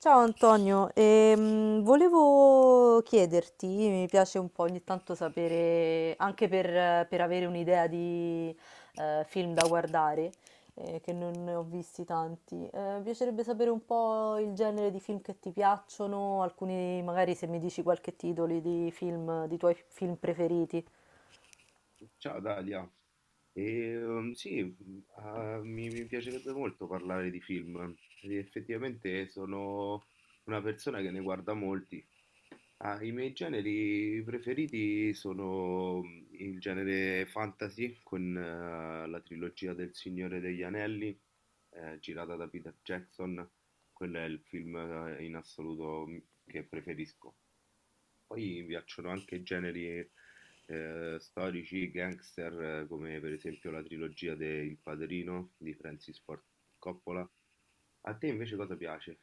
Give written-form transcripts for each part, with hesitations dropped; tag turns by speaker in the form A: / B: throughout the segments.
A: Ciao Antonio, volevo chiederti, mi piace un po' ogni tanto sapere, anche per avere un'idea di film da guardare, che non ne ho visti tanti, mi piacerebbe sapere un po' il genere di film che ti piacciono, alcuni magari se mi dici qualche titolo di film, di tuoi film preferiti.
B: Ciao Dalia. E, um, sì, mh, ah, mi, mi piacerebbe molto parlare di film. E effettivamente sono una persona che ne guarda molti. I miei generi preferiti sono il genere fantasy con la trilogia del Signore degli Anelli, girata da Peter Jackson. Quello è il film in assoluto che preferisco. Poi mi piacciono anche generi storici, gangster, come per esempio la trilogia de Il Padrino di Francis Ford Coppola. A te invece cosa piace?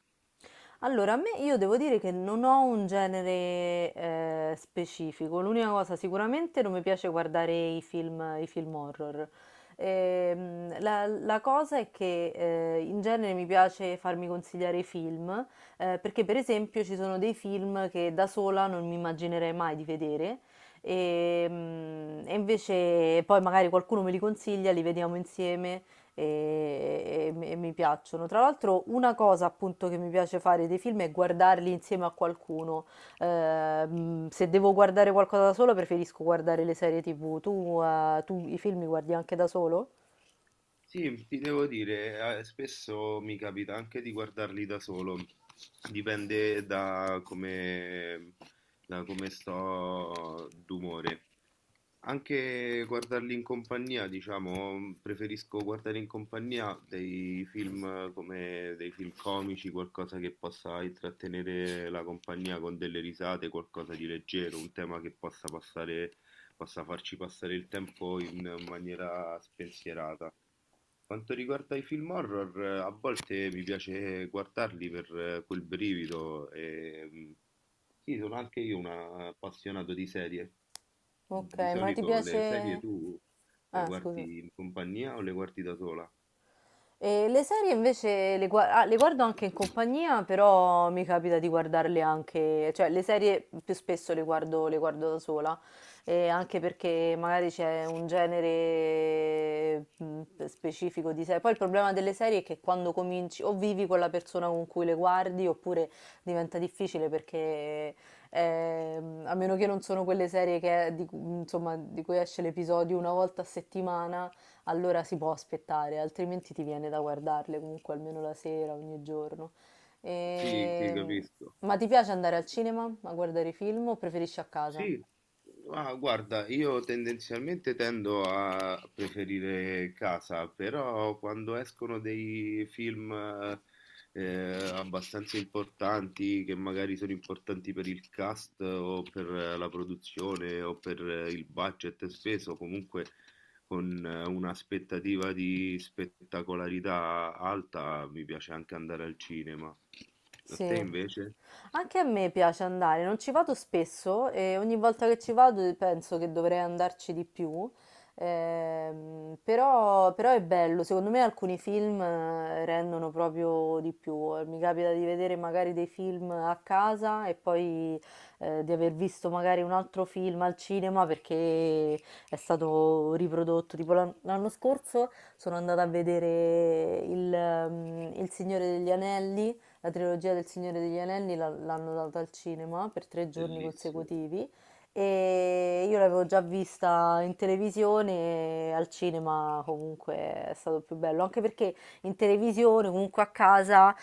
A: Allora, a me io devo dire che non ho un genere specifico. L'unica cosa, sicuramente non mi piace guardare i film horror. La cosa è che in genere mi piace farmi consigliare i film, perché per esempio ci sono dei film che da sola non mi immaginerei mai di vedere. E invece poi magari qualcuno me li consiglia, li vediamo insieme e mi piacciono. Tra l'altro, una cosa appunto che mi piace fare dei film è guardarli insieme a qualcuno. Se devo guardare qualcosa da solo, preferisco guardare le serie TV. Tu, tu i film li guardi anche da solo?
B: Sì, ti devo dire, spesso mi capita anche di guardarli da solo, dipende da come sto d'umore. Anche guardarli in compagnia, diciamo, preferisco guardare in compagnia dei film come dei film comici, qualcosa che possa intrattenere la compagnia con delle risate, qualcosa di leggero, un tema che possa passare, possa farci passare il tempo in maniera spensierata. Quanto riguarda i film horror, a volte mi piace guardarli per quel brivido e sì, sono anche io un appassionato di serie.
A: Ok,
B: Di
A: ma ti
B: solito le serie
A: piace...
B: tu le
A: Ah, scusa.
B: guardi in compagnia o le guardi da sola?
A: E le serie invece le guardo anche in compagnia, però mi capita di guardarle anche, cioè le serie più spesso le guardo da sola, e anche perché magari c'è un genere specifico di serie. Poi il problema delle serie è che quando cominci o vivi con la persona con cui le guardi oppure diventa difficile perché a meno che non sono quelle serie insomma, di cui esce l'episodio una volta a settimana allora si può aspettare, altrimenti ti viene da guardarle comunque almeno la sera, ogni giorno.
B: Sì, sì,
A: Ehm,
B: capisco.
A: Ma ti piace andare al cinema a guardare film o preferisci a casa?
B: Sì, ma guarda, io tendenzialmente tendo a preferire casa, però quando escono dei film eh, abbastanza importanti, che magari sono importanti per il cast o per la produzione o per il budget speso, comunque con un'aspettativa di spettacolarità alta, mi piace anche andare al cinema. A
A: Sì,
B: te invece?
A: anche a me piace andare, non ci vado spesso e ogni volta che ci vado penso che dovrei andarci di più, però è bello, secondo me alcuni film rendono proprio di più, mi capita di vedere magari dei film a casa e poi di aver visto magari un altro film al cinema perché è stato riprodotto, tipo l'anno scorso sono andata a vedere il Signore degli Anelli, la trilogia del Signore degli Anelli l'hanno data al cinema per tre giorni
B: Bellissimo,
A: consecutivi e io l'avevo già vista in televisione e al cinema comunque è stato più bello, anche perché in televisione comunque a casa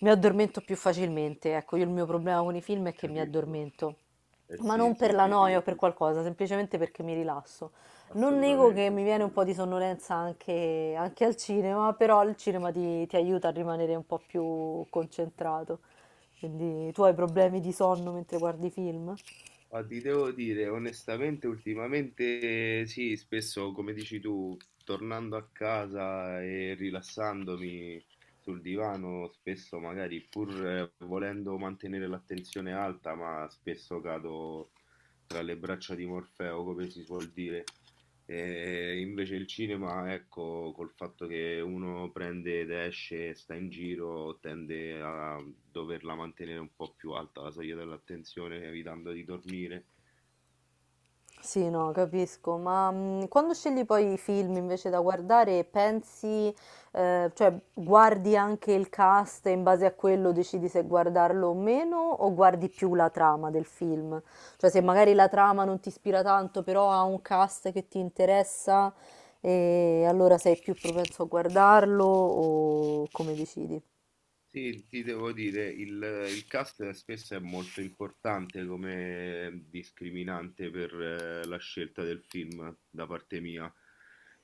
A: mi addormento più facilmente, ecco, io il mio problema con i film è che mi
B: capito?
A: addormento,
B: Eh
A: ma
B: sì,
A: non per
B: sì,
A: la
B: sì, ti
A: noia o per
B: capisco,
A: qualcosa, semplicemente perché mi rilasso. Non nego
B: assolutamente,
A: che mi viene un po'
B: assolutamente.
A: di anche al cinema, però il cinema ti aiuta a rimanere un po' più concentrato. Quindi tu hai problemi di sonno mentre guardi film?
B: Ma ti devo dire, onestamente, ultimamente sì, spesso, come dici tu, tornando a casa e rilassandomi sul divano, spesso magari pur volendo mantenere l'attenzione alta, ma spesso cado tra le braccia di Morfeo, come si suol dire. E invece il cinema, ecco, col fatto che uno prende ed esce e sta in giro, tende a doverla mantenere un po' più alta la soglia dell'attenzione, evitando di dormire.
A: Sì, no, capisco, ma quando scegli poi i film invece da guardare, pensi, cioè guardi anche il cast e in base a quello decidi se guardarlo o meno, o guardi più la trama del film? Cioè se magari la trama non ti ispira tanto, però ha un cast che ti interessa, e allora sei più propenso a guardarlo o come decidi?
B: Sì, ti devo dire, il cast spesso è molto importante come discriminante per la scelta del film da parte mia,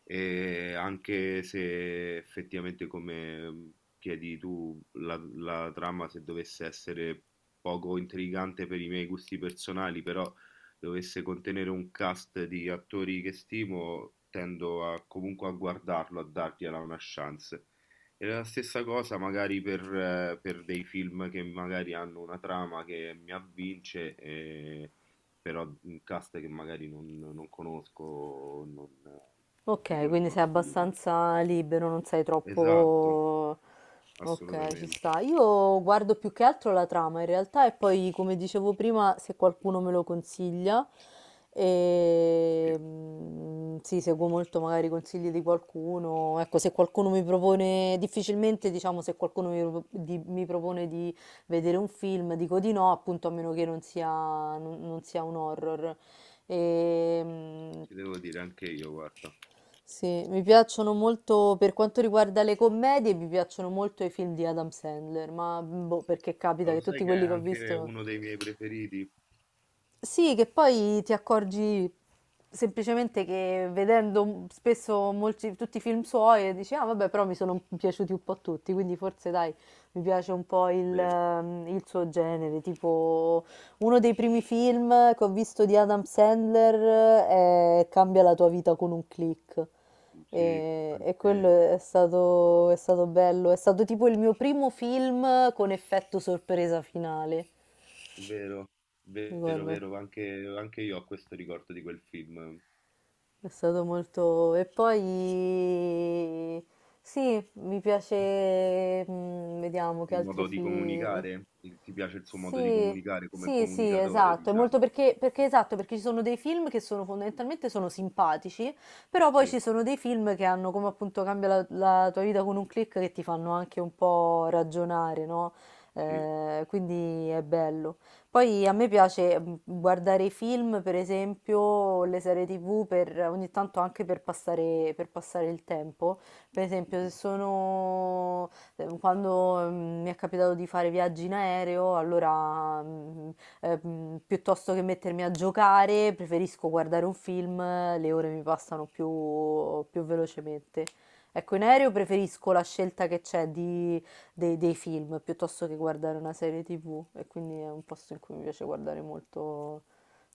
B: e anche se effettivamente, come chiedi tu, la trama se dovesse essere poco intrigante per i miei gusti personali, però dovesse contenere un cast di attori che stimo, comunque a guardarlo, a dargliela una chance. È la stessa cosa magari per dei film che magari hanno una trama che mi avvince, però un cast che magari non conosco, o non, di
A: Ok,
B: cui
A: quindi
B: non ho
A: sei
B: stima.
A: abbastanza libero, non sei
B: Esatto,
A: troppo... Ok, ci
B: assolutamente.
A: sta. Io guardo più che altro la trama in realtà e poi, come dicevo prima, se qualcuno me lo consiglia, e...
B: Sì,
A: sì, seguo molto magari i consigli di qualcuno. Ecco, se qualcuno mi propone, difficilmente diciamo se qualcuno mi propone di vedere un film, dico di no, appunto a meno che non sia, non sia un horror. E, mm,
B: ci devo dire anche io, guarda.
A: sì, mi piacciono molto, per quanto riguarda le commedie, mi piacciono molto i film di Adam Sandler, ma boh, perché
B: Ma
A: capita
B: lo
A: che
B: sai
A: tutti
B: che è
A: quelli che ho
B: anche
A: visto,
B: uno dei miei preferiti?
A: sì, che poi ti accorgi semplicemente che vedendo spesso tutti i film suoi e dici, ah vabbè, però mi sono piaciuti un po' tutti, quindi forse dai, mi piace un po'
B: Vero.
A: il suo genere, tipo uno dei primi film che ho visto di Adam Sandler è Cambia la tua vita con un click.
B: Sì,
A: E quello
B: anche-
A: è stato bello, è stato tipo il mio primo film con effetto sorpresa finale.
B: Vero, vero,
A: Guarda.
B: vero, anche, anche io ho questo ricordo di quel film.
A: È stato molto... E poi... Sì, mi piace... Vediamo che
B: Il
A: altri
B: modo di
A: film...
B: comunicare? Il- ti piace il suo modo di
A: Sì,
B: comunicare come
A: sì, sì,
B: comunicatore,
A: esatto. È molto
B: diciamo?
A: perché esatto, perché ci sono dei film che sono fondamentalmente sono simpatici, però poi ci
B: Sì,
A: sono dei film che hanno come appunto cambia la tua vita con un click che ti fanno anche un po' ragionare, no?
B: sì,
A: Quindi è bello. Poi a me piace guardare i film, per esempio, le serie TV, per, ogni tanto anche per per passare il tempo. Per esempio, se sono, quando mi è capitato di fare viaggi in aereo, allora piuttosto che mettermi a giocare, preferisco guardare un film, le ore mi passano più velocemente. Ecco, in aereo preferisco la scelta che c'è di dei film piuttosto che guardare una serie TV e quindi è un posto in cui mi piace guardare molto.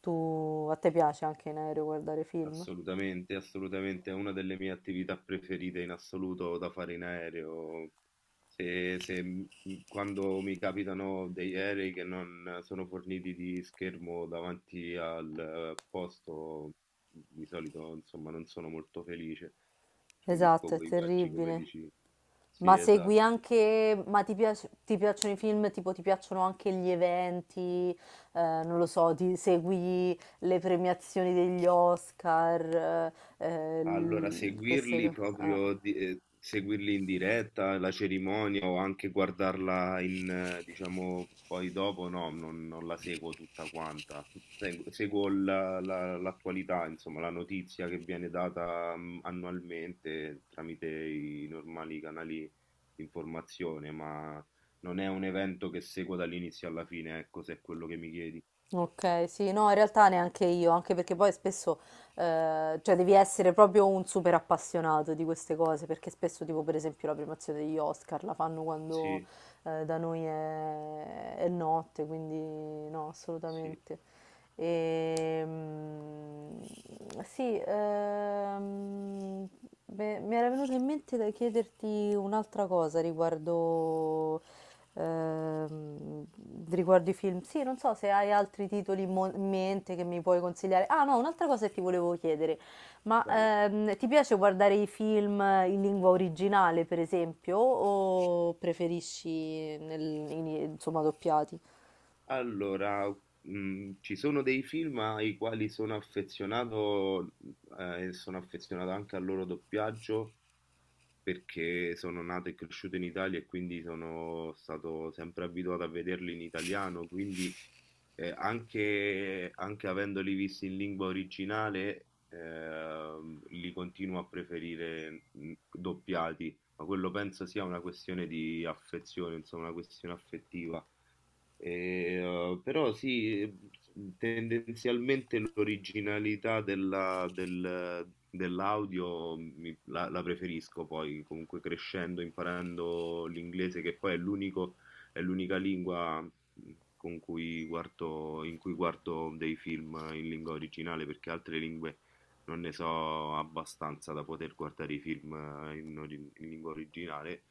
A: Tu, a te piace anche in aereo guardare film?
B: assolutamente, assolutamente. È una delle mie attività preferite in assoluto da fare in aereo. Se, se m- Quando mi capitano degli aerei che non sono forniti di schermo davanti al posto, di solito, insomma, non sono molto felice. Preferisco
A: Esatto, è
B: quei viaggi, come
A: terribile.
B: dici. Sì,
A: Ma segui
B: esatto.
A: anche, ma ti piacciono i film, tipo ti piacciono anche gli eventi, non lo so, ti segui le premiazioni degli Oscar, eh,
B: Allora,
A: queste
B: seguirli
A: cose.
B: proprio, seguirli in diretta, la cerimonia o anche guardarla, diciamo, poi dopo, no, non la seguo tutta quanta. Seguo l'attualità, insomma, la notizia che viene data annualmente tramite i normali canali di informazione, ma non è un evento che seguo dall'inizio alla fine, ecco, se è quello che mi chiedi.
A: Ok, sì, no, in realtà neanche io, anche perché poi spesso, cioè devi essere proprio un super appassionato di queste cose, perché spesso tipo per esempio la premiazione degli Oscar la fanno quando
B: Sì,
A: da noi è notte, quindi no,
B: sì,
A: assolutamente. Ehm, sì, ehm, Beh, mi era venuto in mente da chiederti un'altra cosa riguardo, ehm, riguardo i film. Sì, non so se hai altri titoli in mente che mi puoi consigliare. Ah, no, un'altra cosa che ti volevo chiedere. Ma
B: prego.
A: ti piace guardare i film in lingua originale, per esempio, o preferisci insomma, doppiati?
B: Allora, ci sono dei film ai quali sono affezionato, e sono affezionato anche al loro doppiaggio, perché sono nato e cresciuto in Italia e quindi sono stato sempre abituato a vederli in italiano, quindi, anche anche avendoli visti in lingua originale, li continuo a preferire, doppiati, ma quello penso sia una questione di affezione, insomma, una questione affettiva. E, Però sì, tendenzialmente l'originalità dell'audio la preferisco poi, comunque crescendo, imparando l'inglese, che poi è l'unico, è l'unica lingua con cui guardo, in cui guardo dei film in lingua originale, perché altre lingue non ne so abbastanza da poter guardare i film in lingua originale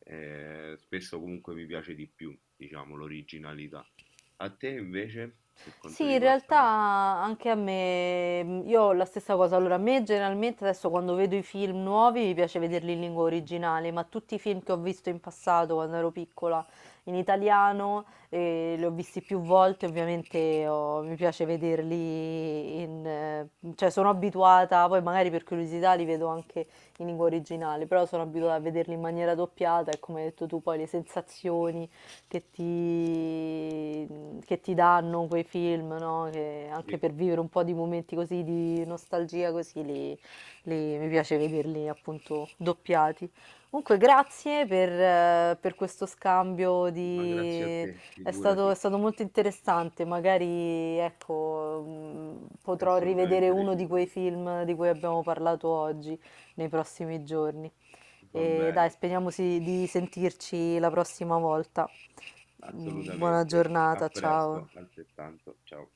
B: spesso comunque mi piace di più, diciamo, l'originalità. A te invece, per quanto
A: Sì, in realtà
B: riguarda...
A: anche a me, io ho la stessa cosa. Allora, a me generalmente adesso quando vedo i film nuovi mi piace vederli in lingua originale, ma tutti i film che ho visto in passato quando ero piccola in italiano, li ho visti più volte, ovviamente mi piace vederli in... cioè sono abituata, poi magari per curiosità li vedo anche in lingua originale, però sono abituata a vederli in maniera doppiata e come hai detto tu poi le sensazioni che che ti danno quei film, no? Che anche
B: Sì,
A: per vivere un po' di momenti così di nostalgia, mi piace vederli appunto doppiati. Comunque, grazie per questo scambio
B: ma grazie a
A: di...
B: te, figurati,
A: È stato molto interessante, magari ecco,
B: è
A: potrò rivedere
B: assolutamente
A: uno di quei
B: reciproco.
A: film di cui abbiamo parlato oggi nei prossimi giorni.
B: Va
A: E dai,
B: bene,
A: speriamo di sentirci la prossima volta. Buona
B: assolutamente. A
A: giornata, ciao.
B: presto, altrettanto. Ciao.